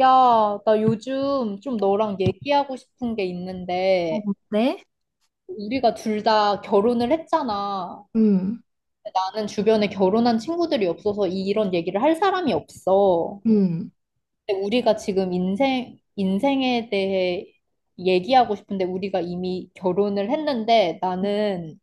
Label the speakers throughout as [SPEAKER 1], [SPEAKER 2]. [SPEAKER 1] 야, 나 요즘 좀 너랑 얘기하고 싶은 게
[SPEAKER 2] 어,
[SPEAKER 1] 있는데,
[SPEAKER 2] 네?
[SPEAKER 1] 우리가 둘 다 결혼을 했잖아.
[SPEAKER 2] 음,
[SPEAKER 1] 나는 주변에 결혼한 친구들이 없어서 이런 얘기를 할 사람이 없어.
[SPEAKER 2] 음.
[SPEAKER 1] 근데 우리가 지금 인생에 대해 얘기하고 싶은데, 우리가 이미 결혼을 했는데, 나는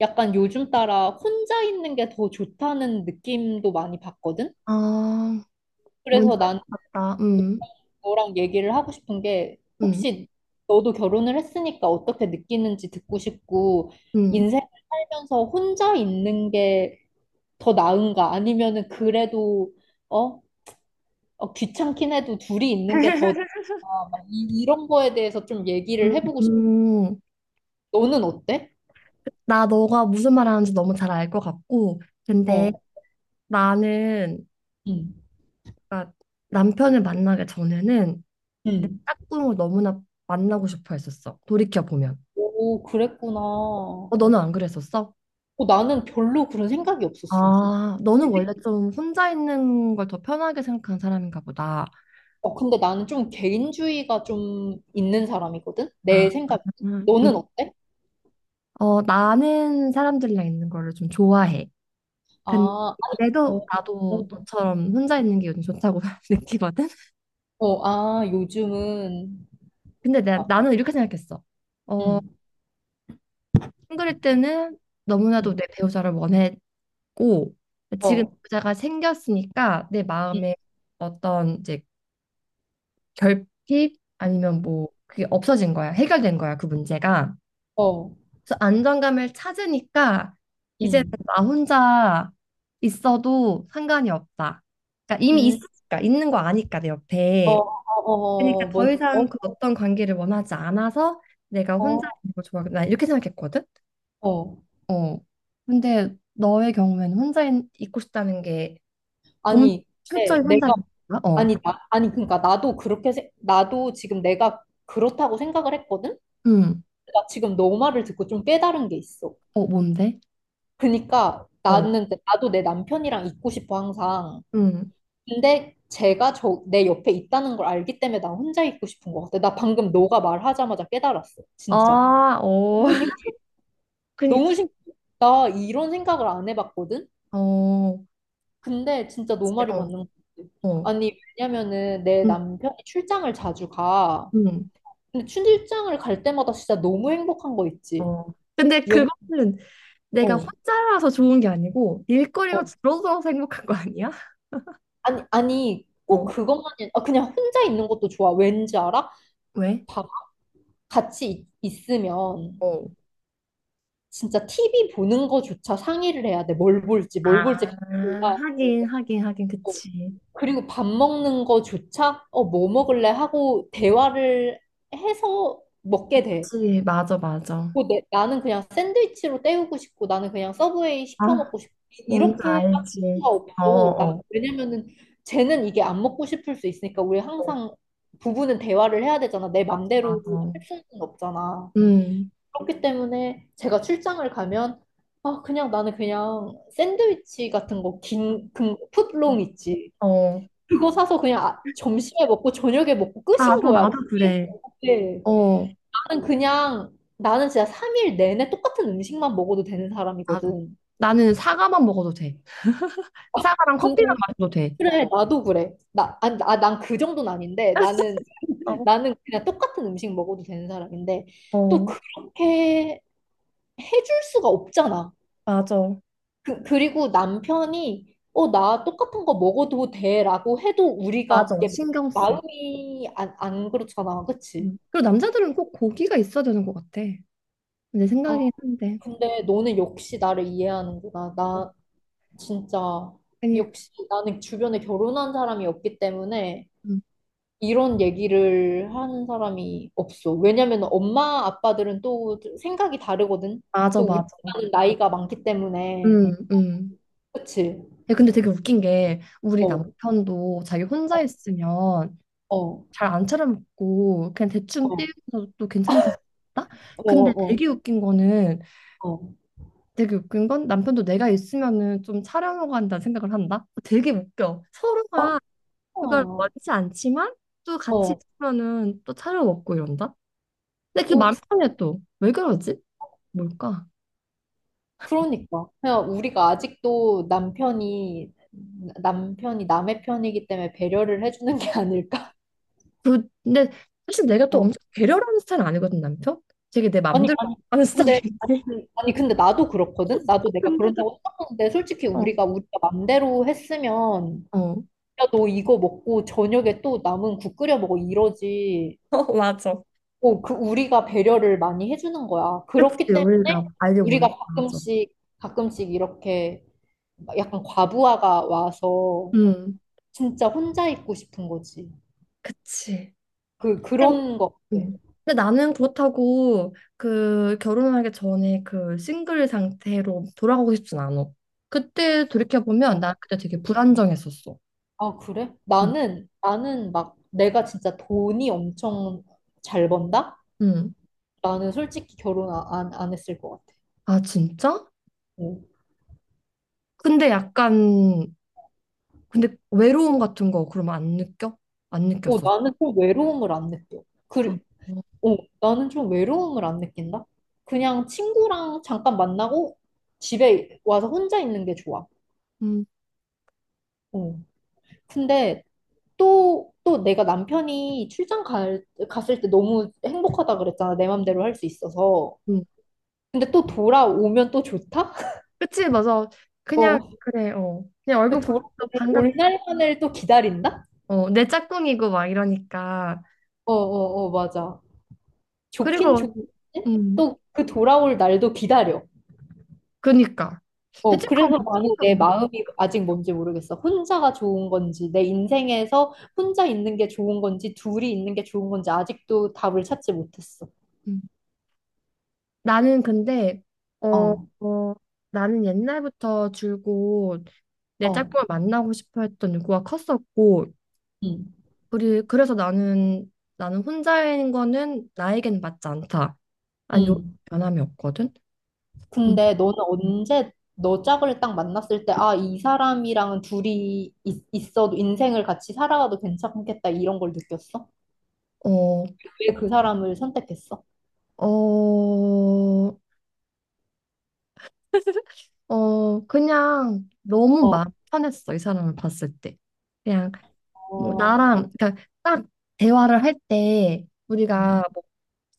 [SPEAKER 1] 약간 요즘 따라 혼자 있는 게 더 좋다는 느낌도 많이 받거든?
[SPEAKER 2] 아, 뭔지
[SPEAKER 1] 그래서
[SPEAKER 2] 알
[SPEAKER 1] 난
[SPEAKER 2] 것 같다.
[SPEAKER 1] 너랑 얘기를 하고 싶은 게
[SPEAKER 2] 음,
[SPEAKER 1] 혹시 너도 결혼을 했으니까 어떻게 느끼는지 듣고 싶고
[SPEAKER 2] 음.
[SPEAKER 1] 인생을 살면서 혼자 있는 게 더 나은가 아니면은 그래도 어? 귀찮긴 해도 둘이 있는 게 더 나은가 막 이런 거에 대해서 좀 얘기를 해보고 싶어.
[SPEAKER 2] 음,
[SPEAKER 1] 너는 어때?
[SPEAKER 2] 나 너가 무슨 말 하는지 너무 잘 알 것 같고, 근데
[SPEAKER 1] 어.
[SPEAKER 2] 나는,
[SPEAKER 1] 응.
[SPEAKER 2] 그러니까 남편을 만나기 전에는 내
[SPEAKER 1] 응.
[SPEAKER 2] 짝꿍을 너무나 만나고 싶어 했었어. 돌이켜보면.
[SPEAKER 1] 오, 그랬구나. 어,
[SPEAKER 2] 어, 너는 안 그랬었어?
[SPEAKER 1] 나는 별로 그런 생각이 없었어.
[SPEAKER 2] 아, 너는 원래 좀 혼자 있는 걸 더 편하게 생각하는 사람인가 보다.
[SPEAKER 1] 어, 근데 나는 좀 개인주의가 좀 있는 사람이거든?
[SPEAKER 2] 아,
[SPEAKER 1] 내 생각.
[SPEAKER 2] 음.
[SPEAKER 1] 너는 어때?
[SPEAKER 2] 어, 나는 사람들이랑 있는 거를 좀 좋아해.
[SPEAKER 1] 아, 어,
[SPEAKER 2] 근데도 나도
[SPEAKER 1] 어,
[SPEAKER 2] 너처럼 혼자 있는 게 요즘 좋다고 느끼거든.
[SPEAKER 1] 어, 아, 요즘은,
[SPEAKER 2] 근데 나,
[SPEAKER 1] 아,
[SPEAKER 2] 나는 이렇게 생각했어.
[SPEAKER 1] 응
[SPEAKER 2] 어, 싱글일 때는
[SPEAKER 1] 응,
[SPEAKER 2] 너무나도 내 배우자를 원했고 지금
[SPEAKER 1] 어,
[SPEAKER 2] 배우자가 생겼으니까 내
[SPEAKER 1] 응
[SPEAKER 2] 마음에 어떤 이제 결핍 아니면 뭐 그게 없어진 거야. 해결된 거야, 그 문제가.
[SPEAKER 1] 어,
[SPEAKER 2] 그래서 안정감을 찾으니까
[SPEAKER 1] 응
[SPEAKER 2] 이제는 나 혼자 있어도 상관이 없다. 그러니까 이미
[SPEAKER 1] 응
[SPEAKER 2] 있으니까 있는 거 아니까 내
[SPEAKER 1] 어,
[SPEAKER 2] 옆에.
[SPEAKER 1] 어, 어, 어,
[SPEAKER 2] 그러니까 더
[SPEAKER 1] 어.
[SPEAKER 2] 이상 그 어떤 관계를 원하지 않아서 내가 혼자
[SPEAKER 1] 어.
[SPEAKER 2] 있는 걸 좋아하겠다. 나 이렇게 생각했거든.
[SPEAKER 1] 어.
[SPEAKER 2] 어. 근데 너의 경우에는 혼자 있, 고 싶다는 게 정말
[SPEAKER 1] 아니,
[SPEAKER 2] 철저히
[SPEAKER 1] 네, 내가,
[SPEAKER 2] 혼자라는 거야? 어.
[SPEAKER 1] 아니, 나, 아니, 그러니까 나도 그렇게, 나도 지금 내가 그렇다고 생각을 했거든?
[SPEAKER 2] 음.
[SPEAKER 1] 나 지금 너 말을 듣고 좀 깨달은 게 있어.
[SPEAKER 2] 어, 뭔데?
[SPEAKER 1] 그러니까
[SPEAKER 2] 어.
[SPEAKER 1] 나는, 나도 내 남편이랑 있고 싶어, 항상.
[SPEAKER 2] 음.
[SPEAKER 1] 근데 제가 저, 내 옆에 있다는 걸 알기 때문에 나 혼자 있고 싶은 것 같아. 나 방금 너가 말하자마자 깨달았어. 진짜.
[SPEAKER 2] 아, 어.
[SPEAKER 1] 너무 신,
[SPEAKER 2] 그니까.
[SPEAKER 1] 너무 신, 나 이런 생각을 안 해봤거든?
[SPEAKER 2] 어.
[SPEAKER 1] 근데 진짜 너
[SPEAKER 2] 그치.
[SPEAKER 1] 말이
[SPEAKER 2] 어.
[SPEAKER 1] 맞는 것 같아.
[SPEAKER 2] 어.
[SPEAKER 1] 아니, 왜냐면은 내
[SPEAKER 2] 음.
[SPEAKER 1] 남편이 출장을 자주 가.
[SPEAKER 2] 음.
[SPEAKER 1] 근데 출장을 갈 때마다 진짜 너무 행복한 거 있지.
[SPEAKER 2] 어. 근데
[SPEAKER 1] 왜냐,
[SPEAKER 2] 그거는 내가
[SPEAKER 1] 어,
[SPEAKER 2] 혼자라서 좋은 게 아니고 일거리가
[SPEAKER 1] 어.
[SPEAKER 2] 줄어들어서 행복한 거 아니야?
[SPEAKER 1] 아니, 아니, 꼭
[SPEAKER 2] 어.
[SPEAKER 1] 그것만이, 아, 그냥 혼자 있는 것도 좋아. 왠지 알아?
[SPEAKER 2] 왜?
[SPEAKER 1] 봐. 같이 있으면.
[SPEAKER 2] 어.
[SPEAKER 1] 진짜 TV 보는 거조차 상의를 해야 돼. 뭘 볼지, 뭘
[SPEAKER 2] 아,
[SPEAKER 1] 볼지 같이 골라야 돼.
[SPEAKER 2] 하긴, 하긴, 하긴,
[SPEAKER 1] 어,
[SPEAKER 2] 그치.
[SPEAKER 1] 그리고 밥 먹는 거조차 어, 뭐 먹을래 하고 대화를 해서 먹게 돼.
[SPEAKER 2] 그치, 맞아, 맞아.
[SPEAKER 1] 뭐 나는 그냥 샌드위치로 때우고 싶고 나는 그냥 서브웨이 시켜
[SPEAKER 2] 아,
[SPEAKER 1] 먹고 싶고
[SPEAKER 2] 뭔지
[SPEAKER 1] 이렇게 할
[SPEAKER 2] 알지.
[SPEAKER 1] 수가
[SPEAKER 2] 어,
[SPEAKER 1] 없어. 나,
[SPEAKER 2] 어,
[SPEAKER 1] 왜냐면은 쟤는 이게 안 먹고 싶을 수 있으니까 우리
[SPEAKER 2] 어,
[SPEAKER 1] 항상 부부는 대화를 해야 되잖아. 내 맘대로
[SPEAKER 2] 맞아.
[SPEAKER 1] 할 수는 없잖아.
[SPEAKER 2] 음,
[SPEAKER 1] 그렇기 때문에 제가 출장을 가면 아 그냥 나는 그냥 샌드위치 같은 거 긴 그 풋롱 있지
[SPEAKER 2] 어.
[SPEAKER 1] 그거 사서 그냥 점심에 먹고 저녁에 먹고 끝인
[SPEAKER 2] 나도,
[SPEAKER 1] 거야.
[SPEAKER 2] 나도 그래.
[SPEAKER 1] 네.
[SPEAKER 2] 어,
[SPEAKER 1] 나는 그냥 나는 진짜 3일 내내 똑같은 음식만 먹어도 되는
[SPEAKER 2] 나도.
[SPEAKER 1] 사람이거든.
[SPEAKER 2] 나는 사과만 먹어도 돼. 사과랑 커피만
[SPEAKER 1] 근데
[SPEAKER 2] 마셔도 돼.
[SPEAKER 1] 그래 나도 그래. 난그 정도는 아닌데 나는
[SPEAKER 2] 어,
[SPEAKER 1] 나는 그냥 똑같은 음식 먹어도 되는 사람인데 또
[SPEAKER 2] 어,
[SPEAKER 1] 그렇게 해줄 수가 없잖아.
[SPEAKER 2] 맞아.
[SPEAKER 1] 그리고 남편이 어, 나 똑같은 거 먹어도 돼라고 해도 우리가
[SPEAKER 2] 맞아,
[SPEAKER 1] 그게
[SPEAKER 2] 신경 쓰.
[SPEAKER 1] 마음이 안 그렇잖아. 그치?
[SPEAKER 2] 음. 그리고 남자들은 꼭 고기가 있어야 되는 것 같아. 내
[SPEAKER 1] 아,
[SPEAKER 2] 생각이긴 한데.
[SPEAKER 1] 근데 너는 역시 나를 이해하는구나. 나 진짜
[SPEAKER 2] 그러니까,
[SPEAKER 1] 역시 나는 주변에 결혼한 사람이 없기 때문에
[SPEAKER 2] 음.
[SPEAKER 1] 이런 얘기를 하는 사람이 없어. 왜냐면 엄마 아빠들은 또 생각이 다르거든.
[SPEAKER 2] 맞아,
[SPEAKER 1] 또 우리는
[SPEAKER 2] 맞아.
[SPEAKER 1] 나이가 많기 때문에.
[SPEAKER 2] 음, 음.
[SPEAKER 1] 그치?
[SPEAKER 2] 예, 근데 되게 웃긴 게 우리
[SPEAKER 1] 어, 어,
[SPEAKER 2] 남편도 자기 혼자 있으면
[SPEAKER 1] 어,
[SPEAKER 2] 잘 안 차려먹고 그냥 대충
[SPEAKER 1] 어,
[SPEAKER 2] 띄우면서도 괜찮다.
[SPEAKER 1] 어,
[SPEAKER 2] 근데
[SPEAKER 1] 어. 어.
[SPEAKER 2] 되게 웃긴 건 남편도 내가 있으면은 좀 차려먹어 한다는 생각을 한다. 되게 웃겨. 서로가
[SPEAKER 1] 어.
[SPEAKER 2] 그걸
[SPEAKER 1] 어,
[SPEAKER 2] 원치 않지만 또 같이
[SPEAKER 1] 어,
[SPEAKER 2] 있으면은 또 차려먹고 이런다. 근데 그게
[SPEAKER 1] 어,
[SPEAKER 2] 마음 편해 또. 왜 그러지? 뭘까?
[SPEAKER 1] 그러니까. 그냥 우리가 아직도 남편이 남의 편이기 때문에 배려를 해주는 게 아닐까?
[SPEAKER 2] 근데 사실 내가 또
[SPEAKER 1] 어.
[SPEAKER 2] 엄청 배려하는 스타일은 아니거든 남편. 되게 내
[SPEAKER 1] 아니,
[SPEAKER 2] 맘대로
[SPEAKER 1] 아니,
[SPEAKER 2] 하는
[SPEAKER 1] 근데, 아니,
[SPEAKER 2] 스타일인데.
[SPEAKER 1] 아니, 근데 나도 그렇거든? 나도 내가
[SPEAKER 2] 근데도
[SPEAKER 1] 그런다고 생각하는데, 솔직히
[SPEAKER 2] 어, 어,
[SPEAKER 1] 우리가 맘대로 했으면, 야, 너 이거 먹고 저녁에 또 남은 국 끓여 먹어, 이러지.
[SPEAKER 2] 어, 맞아.
[SPEAKER 1] 어, 그, 우리가 배려를 많이 해주는 거야.
[SPEAKER 2] 그치,
[SPEAKER 1] 그렇기
[SPEAKER 2] 우리가
[SPEAKER 1] 때문에
[SPEAKER 2] 알게
[SPEAKER 1] 우리가
[SPEAKER 2] 모르게 맞아.
[SPEAKER 1] 가끔씩, 가끔씩 이렇게 막 약간 과부하가 와서
[SPEAKER 2] 음,
[SPEAKER 1] 진짜 혼자 있고 싶은 거지.
[SPEAKER 2] 그치.
[SPEAKER 1] 그
[SPEAKER 2] 근데
[SPEAKER 1] 그런 거 같아.
[SPEAKER 2] 음. 근데 나는 그렇다고 그 결혼하기 전에 그 싱글 상태로 돌아가고 싶진 않아. 그때 돌이켜보면
[SPEAKER 1] 어.
[SPEAKER 2] 나 그때 되게 불안정했었어.
[SPEAKER 1] 아, 그래?
[SPEAKER 2] 응
[SPEAKER 1] 나는 막 내가 진짜 돈이 엄청 잘 번다?
[SPEAKER 2] 응
[SPEAKER 1] 나는 솔직히 결혼 안 했을 것 같아.
[SPEAKER 2] 아, 진짜?
[SPEAKER 1] 어.
[SPEAKER 2] 근데 약간, 근데 외로움 같은 거 그러면 안 느껴? 안
[SPEAKER 1] 어,
[SPEAKER 2] 느꼈었어.
[SPEAKER 1] 나는 좀 외로움을 안 느껴.
[SPEAKER 2] 아, 어,
[SPEAKER 1] 그, 어, 나는 좀 외로움을 안 느낀다? 그냥 친구랑 잠깐 만나고 집에 와서 혼자 있는 게 좋아.
[SPEAKER 2] 음,
[SPEAKER 1] 어. 근데 또 내가 남편이 갔을 때 너무 행복하다 그랬잖아. 내 맘대로 할 수 있어서.
[SPEAKER 2] 음.
[SPEAKER 1] 근데 또 돌아오면 또 좋다?
[SPEAKER 2] 그치, 맞아. 그냥,
[SPEAKER 1] 어.
[SPEAKER 2] 그래, 어. 그냥 얼굴
[SPEAKER 1] 그
[SPEAKER 2] 보면서 반갑
[SPEAKER 1] 돌아올 날만을 또 기다린다?
[SPEAKER 2] 어, 내 짝꿍이고 막 이러니까.
[SPEAKER 1] 어, 어, 어, 맞아. 좋긴
[SPEAKER 2] 그리고,
[SPEAKER 1] 좋은데
[SPEAKER 2] 음,
[SPEAKER 1] 또 그 돌아올 날도 기다려.
[SPEAKER 2] 그니까.
[SPEAKER 1] 어,
[SPEAKER 2] 죄책감
[SPEAKER 1] 그래서
[SPEAKER 2] 무슨
[SPEAKER 1] 나는 내
[SPEAKER 2] 감정?
[SPEAKER 1] 마음이 아직 뭔지 모르겠어. 혼자가 좋은 건지, 내 인생에서 혼자 있는 게 좋은 건지, 둘이 있는 게 좋은 건지 아직도 답을 찾지 못했어.
[SPEAKER 2] 음. 나는 근데, 어,
[SPEAKER 1] 어,
[SPEAKER 2] 어, 나는 옛날부터 줄곧 내
[SPEAKER 1] 어,
[SPEAKER 2] 짝꿍을 만나고 싶어 했던 욕구가 컸었고,
[SPEAKER 1] 음,
[SPEAKER 2] 그래서 나는 혼자인 거는 나에겐 맞지 않다. 아니, 요
[SPEAKER 1] 음.
[SPEAKER 2] 변함이 없거든? 음.
[SPEAKER 1] 근데 너는 언제 너 짝을 딱 만났을 때, 아, 이 사람이랑은 둘이 있어도 인생을 같이 살아가도 괜찮겠다 이런 걸 느꼈어?
[SPEAKER 2] 어,
[SPEAKER 1] 왜 그 사람을 선택했어?
[SPEAKER 2] 어, 그냥 너무
[SPEAKER 1] 어,
[SPEAKER 2] 마음 편했어, 이 사람을 봤을 때. 그냥 뭐
[SPEAKER 1] 어,
[SPEAKER 2] 나랑 그러니까 딱 대화를 할 때
[SPEAKER 1] 음,
[SPEAKER 2] 우리가 뭐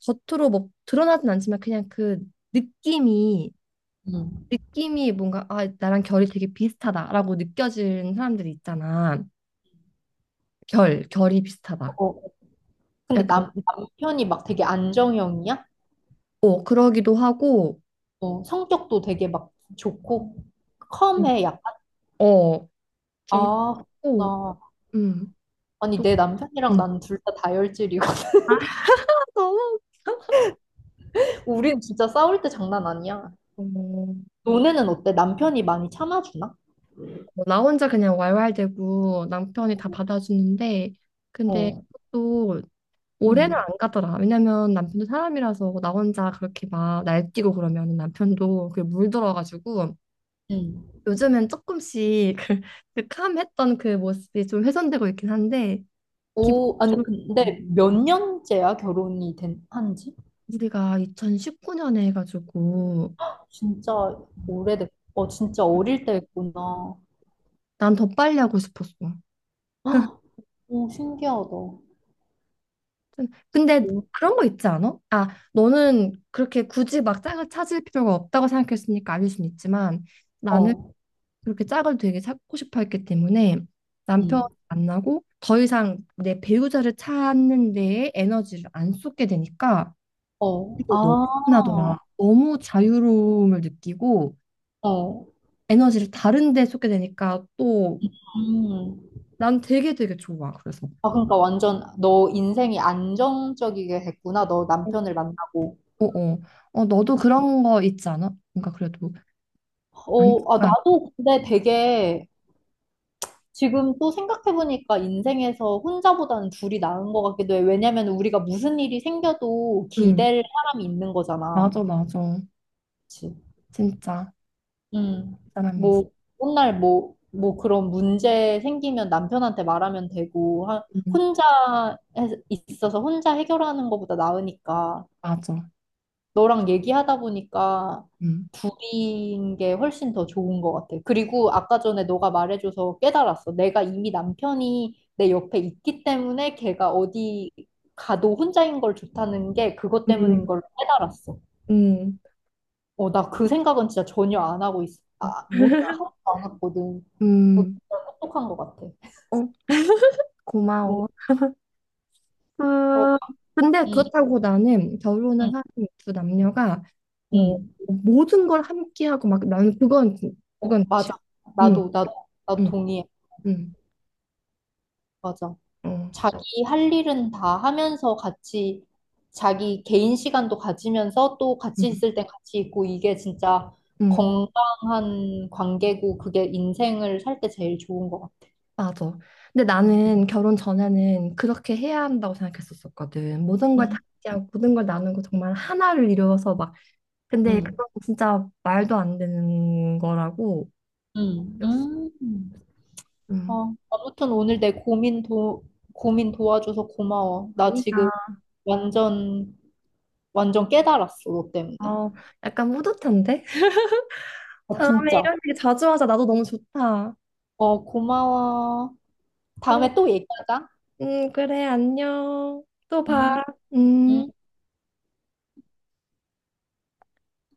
[SPEAKER 2] 겉으로 뭐 드러나진 않지만 그냥 그 느낌이
[SPEAKER 1] 음.
[SPEAKER 2] 느낌이 뭔가 아 나랑 결이 되게 비슷하다라고 느껴지는 사람들이 있잖아. 결 결이 비슷하다.
[SPEAKER 1] 어, 어. 근데
[SPEAKER 2] 약간
[SPEAKER 1] 남편이 막 되게 안정형이야?
[SPEAKER 2] 어 그러기도 하고
[SPEAKER 1] 어, 성격도 되게 막 좋고 컴해 약간.
[SPEAKER 2] 어좀
[SPEAKER 1] 아,
[SPEAKER 2] 하고
[SPEAKER 1] 나
[SPEAKER 2] 음또
[SPEAKER 1] 아니 내 남편이랑
[SPEAKER 2] 음.
[SPEAKER 1] 난 둘 다 다혈질이고
[SPEAKER 2] 아, 너무 웃겨.
[SPEAKER 1] 우린 진짜 싸울 때 장난 아니야.
[SPEAKER 2] 어,
[SPEAKER 1] 너네는 어때? 남편이 많이 참아주나?
[SPEAKER 2] 나 혼자 그냥 왈왈대고 남편이 다 받아주는데 근데
[SPEAKER 1] 어.
[SPEAKER 2] 또 오래는
[SPEAKER 1] 음.
[SPEAKER 2] 안 가더라. 왜냐면 남편도 사람이라서 나 혼자 그렇게 막 날뛰고 그러면 남편도 그게 물들어가지고
[SPEAKER 1] 응.
[SPEAKER 2] 요즘엔 조금씩 그 캄했던 그 모습이 좀 훼손되고 있긴 한데
[SPEAKER 1] 오, 아니,
[SPEAKER 2] 기본적으로
[SPEAKER 1] 근데 몇 년째야, 한지?
[SPEAKER 2] 우리가 2019년에 해가지고
[SPEAKER 1] 진짜 오래됐, 어, 진짜 어릴 때 했구나.
[SPEAKER 2] 난 더 빨리 하고 싶었어.
[SPEAKER 1] 헉, 오, 신기하다.
[SPEAKER 2] 근데
[SPEAKER 1] 오,
[SPEAKER 2] 그런 거 있지 않아? 아, 너는 그렇게 굳이 막 짝을 찾을 필요가 없다고 생각했으니까 아닐 순 있지만 나는
[SPEAKER 1] 어,
[SPEAKER 2] 그렇게 짝을 되게 찾고 싶어 했기 때문에 남편을
[SPEAKER 1] 응,
[SPEAKER 2] 만나고 더 이상 내 배우자를 찾는 데에 에너지를 안 쏟게 되니까
[SPEAKER 1] 어,
[SPEAKER 2] 이거 너무
[SPEAKER 1] 아,
[SPEAKER 2] 편하더라. 너무 자유로움을 느끼고
[SPEAKER 1] 어,
[SPEAKER 2] 에너지를 다른 데 쏟게 되니까 또
[SPEAKER 1] 음.
[SPEAKER 2] 난 되게 되게 좋아. 그래서
[SPEAKER 1] 아, 그러니까 완전 너 인생이 안정적이게 됐구나, 너
[SPEAKER 2] 어,
[SPEAKER 1] 남편을 만나고.
[SPEAKER 2] 어, 어. 어, 너도 그런 거 있지 않아? 뭔가 그래도
[SPEAKER 1] 어, 아,
[SPEAKER 2] 안정감.
[SPEAKER 1] 나도 근데 되게 지금 또 생각해보니까 인생에서 혼자보다는 둘이 나은 것 같기도 해. 왜냐면 우리가 무슨 일이 생겨도
[SPEAKER 2] 응,
[SPEAKER 1] 기댈 사람이 있는 거잖아.
[SPEAKER 2] 맞아, 맞아.
[SPEAKER 1] 그치?
[SPEAKER 2] 진짜
[SPEAKER 1] 음.
[SPEAKER 2] 그 사람이 있어.
[SPEAKER 1] 뭐, 맨날 뭐 그런 문제 생기면 남편한테 말하면 되고,
[SPEAKER 2] 응,
[SPEAKER 1] 혼자 있어서 혼자 해결하는 것보다 나으니까.
[SPEAKER 2] 맞아.
[SPEAKER 1] 너랑 얘기하다 보니까
[SPEAKER 2] 응,
[SPEAKER 1] 둘인 게 훨씬 더 좋은 것 같아. 그리고 아까 전에 너가 말해줘서 깨달았어. 내가 이미 남편이 내 옆에 있기 때문에 걔가 어디 가도 혼자인 걸 좋다는 게 그것 때문인
[SPEAKER 2] 응
[SPEAKER 1] 걸 깨달았어.
[SPEAKER 2] 응,
[SPEAKER 1] 어, 나 그 생각은 진짜 전혀 안 하고 있어. 아,
[SPEAKER 2] 응
[SPEAKER 1] 못, 하나도 안 했거든. 어, 진짜 똑똑한 것 같아.
[SPEAKER 2] 어,
[SPEAKER 1] 뭐,
[SPEAKER 2] 고마워.
[SPEAKER 1] 어,
[SPEAKER 2] 그, 근데
[SPEAKER 1] 음,
[SPEAKER 2] 그렇다고 나는
[SPEAKER 1] 음,
[SPEAKER 2] 결혼을 한 두 남녀가 어,
[SPEAKER 1] 음.
[SPEAKER 2] 모든 걸 함께 하고 막 나는 그건
[SPEAKER 1] 어,
[SPEAKER 2] 그건 싫어.
[SPEAKER 1] 맞아.
[SPEAKER 2] 응,
[SPEAKER 1] 나도, 나도, 나도
[SPEAKER 2] 응,
[SPEAKER 1] 동의해.
[SPEAKER 2] 응,
[SPEAKER 1] 맞아.
[SPEAKER 2] 어,
[SPEAKER 1] 자기 할 일은 다 하면서 같이 자기 개인 시간도 가지면서 또 같이
[SPEAKER 2] 응,
[SPEAKER 1] 있을 땐 같이 있고 이게 진짜
[SPEAKER 2] 응,
[SPEAKER 1] 건강한 관계고 그게 인생을 살 때 제일 좋은 것 같아요.
[SPEAKER 2] 맞아. 근데 나는 결혼 전에는 그렇게 해야 한다고 생각했었었거든. 모든 걸
[SPEAKER 1] 음,
[SPEAKER 2] 다 함께하고 모든 걸 나누고 정말 하나를 이루어서 막. 근데
[SPEAKER 1] 음,
[SPEAKER 2] 그건 진짜 말도 안 되는 거라고.
[SPEAKER 1] 음, 음.
[SPEAKER 2] 음.
[SPEAKER 1] 아, 아무튼 오늘 내 고민 고민 도와줘서 고마워. 나
[SPEAKER 2] 아니야.
[SPEAKER 1] 지금 완전, 완전 깨달았어, 너 때문에.
[SPEAKER 2] 어, 약간 뿌듯한데?
[SPEAKER 1] 아,
[SPEAKER 2] 다음에
[SPEAKER 1] 진짜.
[SPEAKER 2] 이런 얘기 자주 하자. 나도 너무 좋다.
[SPEAKER 1] 어, 고마워.
[SPEAKER 2] 그럼,
[SPEAKER 1] 다음에 또 얘기하자.
[SPEAKER 2] 그래, 안녕. 또 봐.
[SPEAKER 1] 음, 음.
[SPEAKER 2] 음.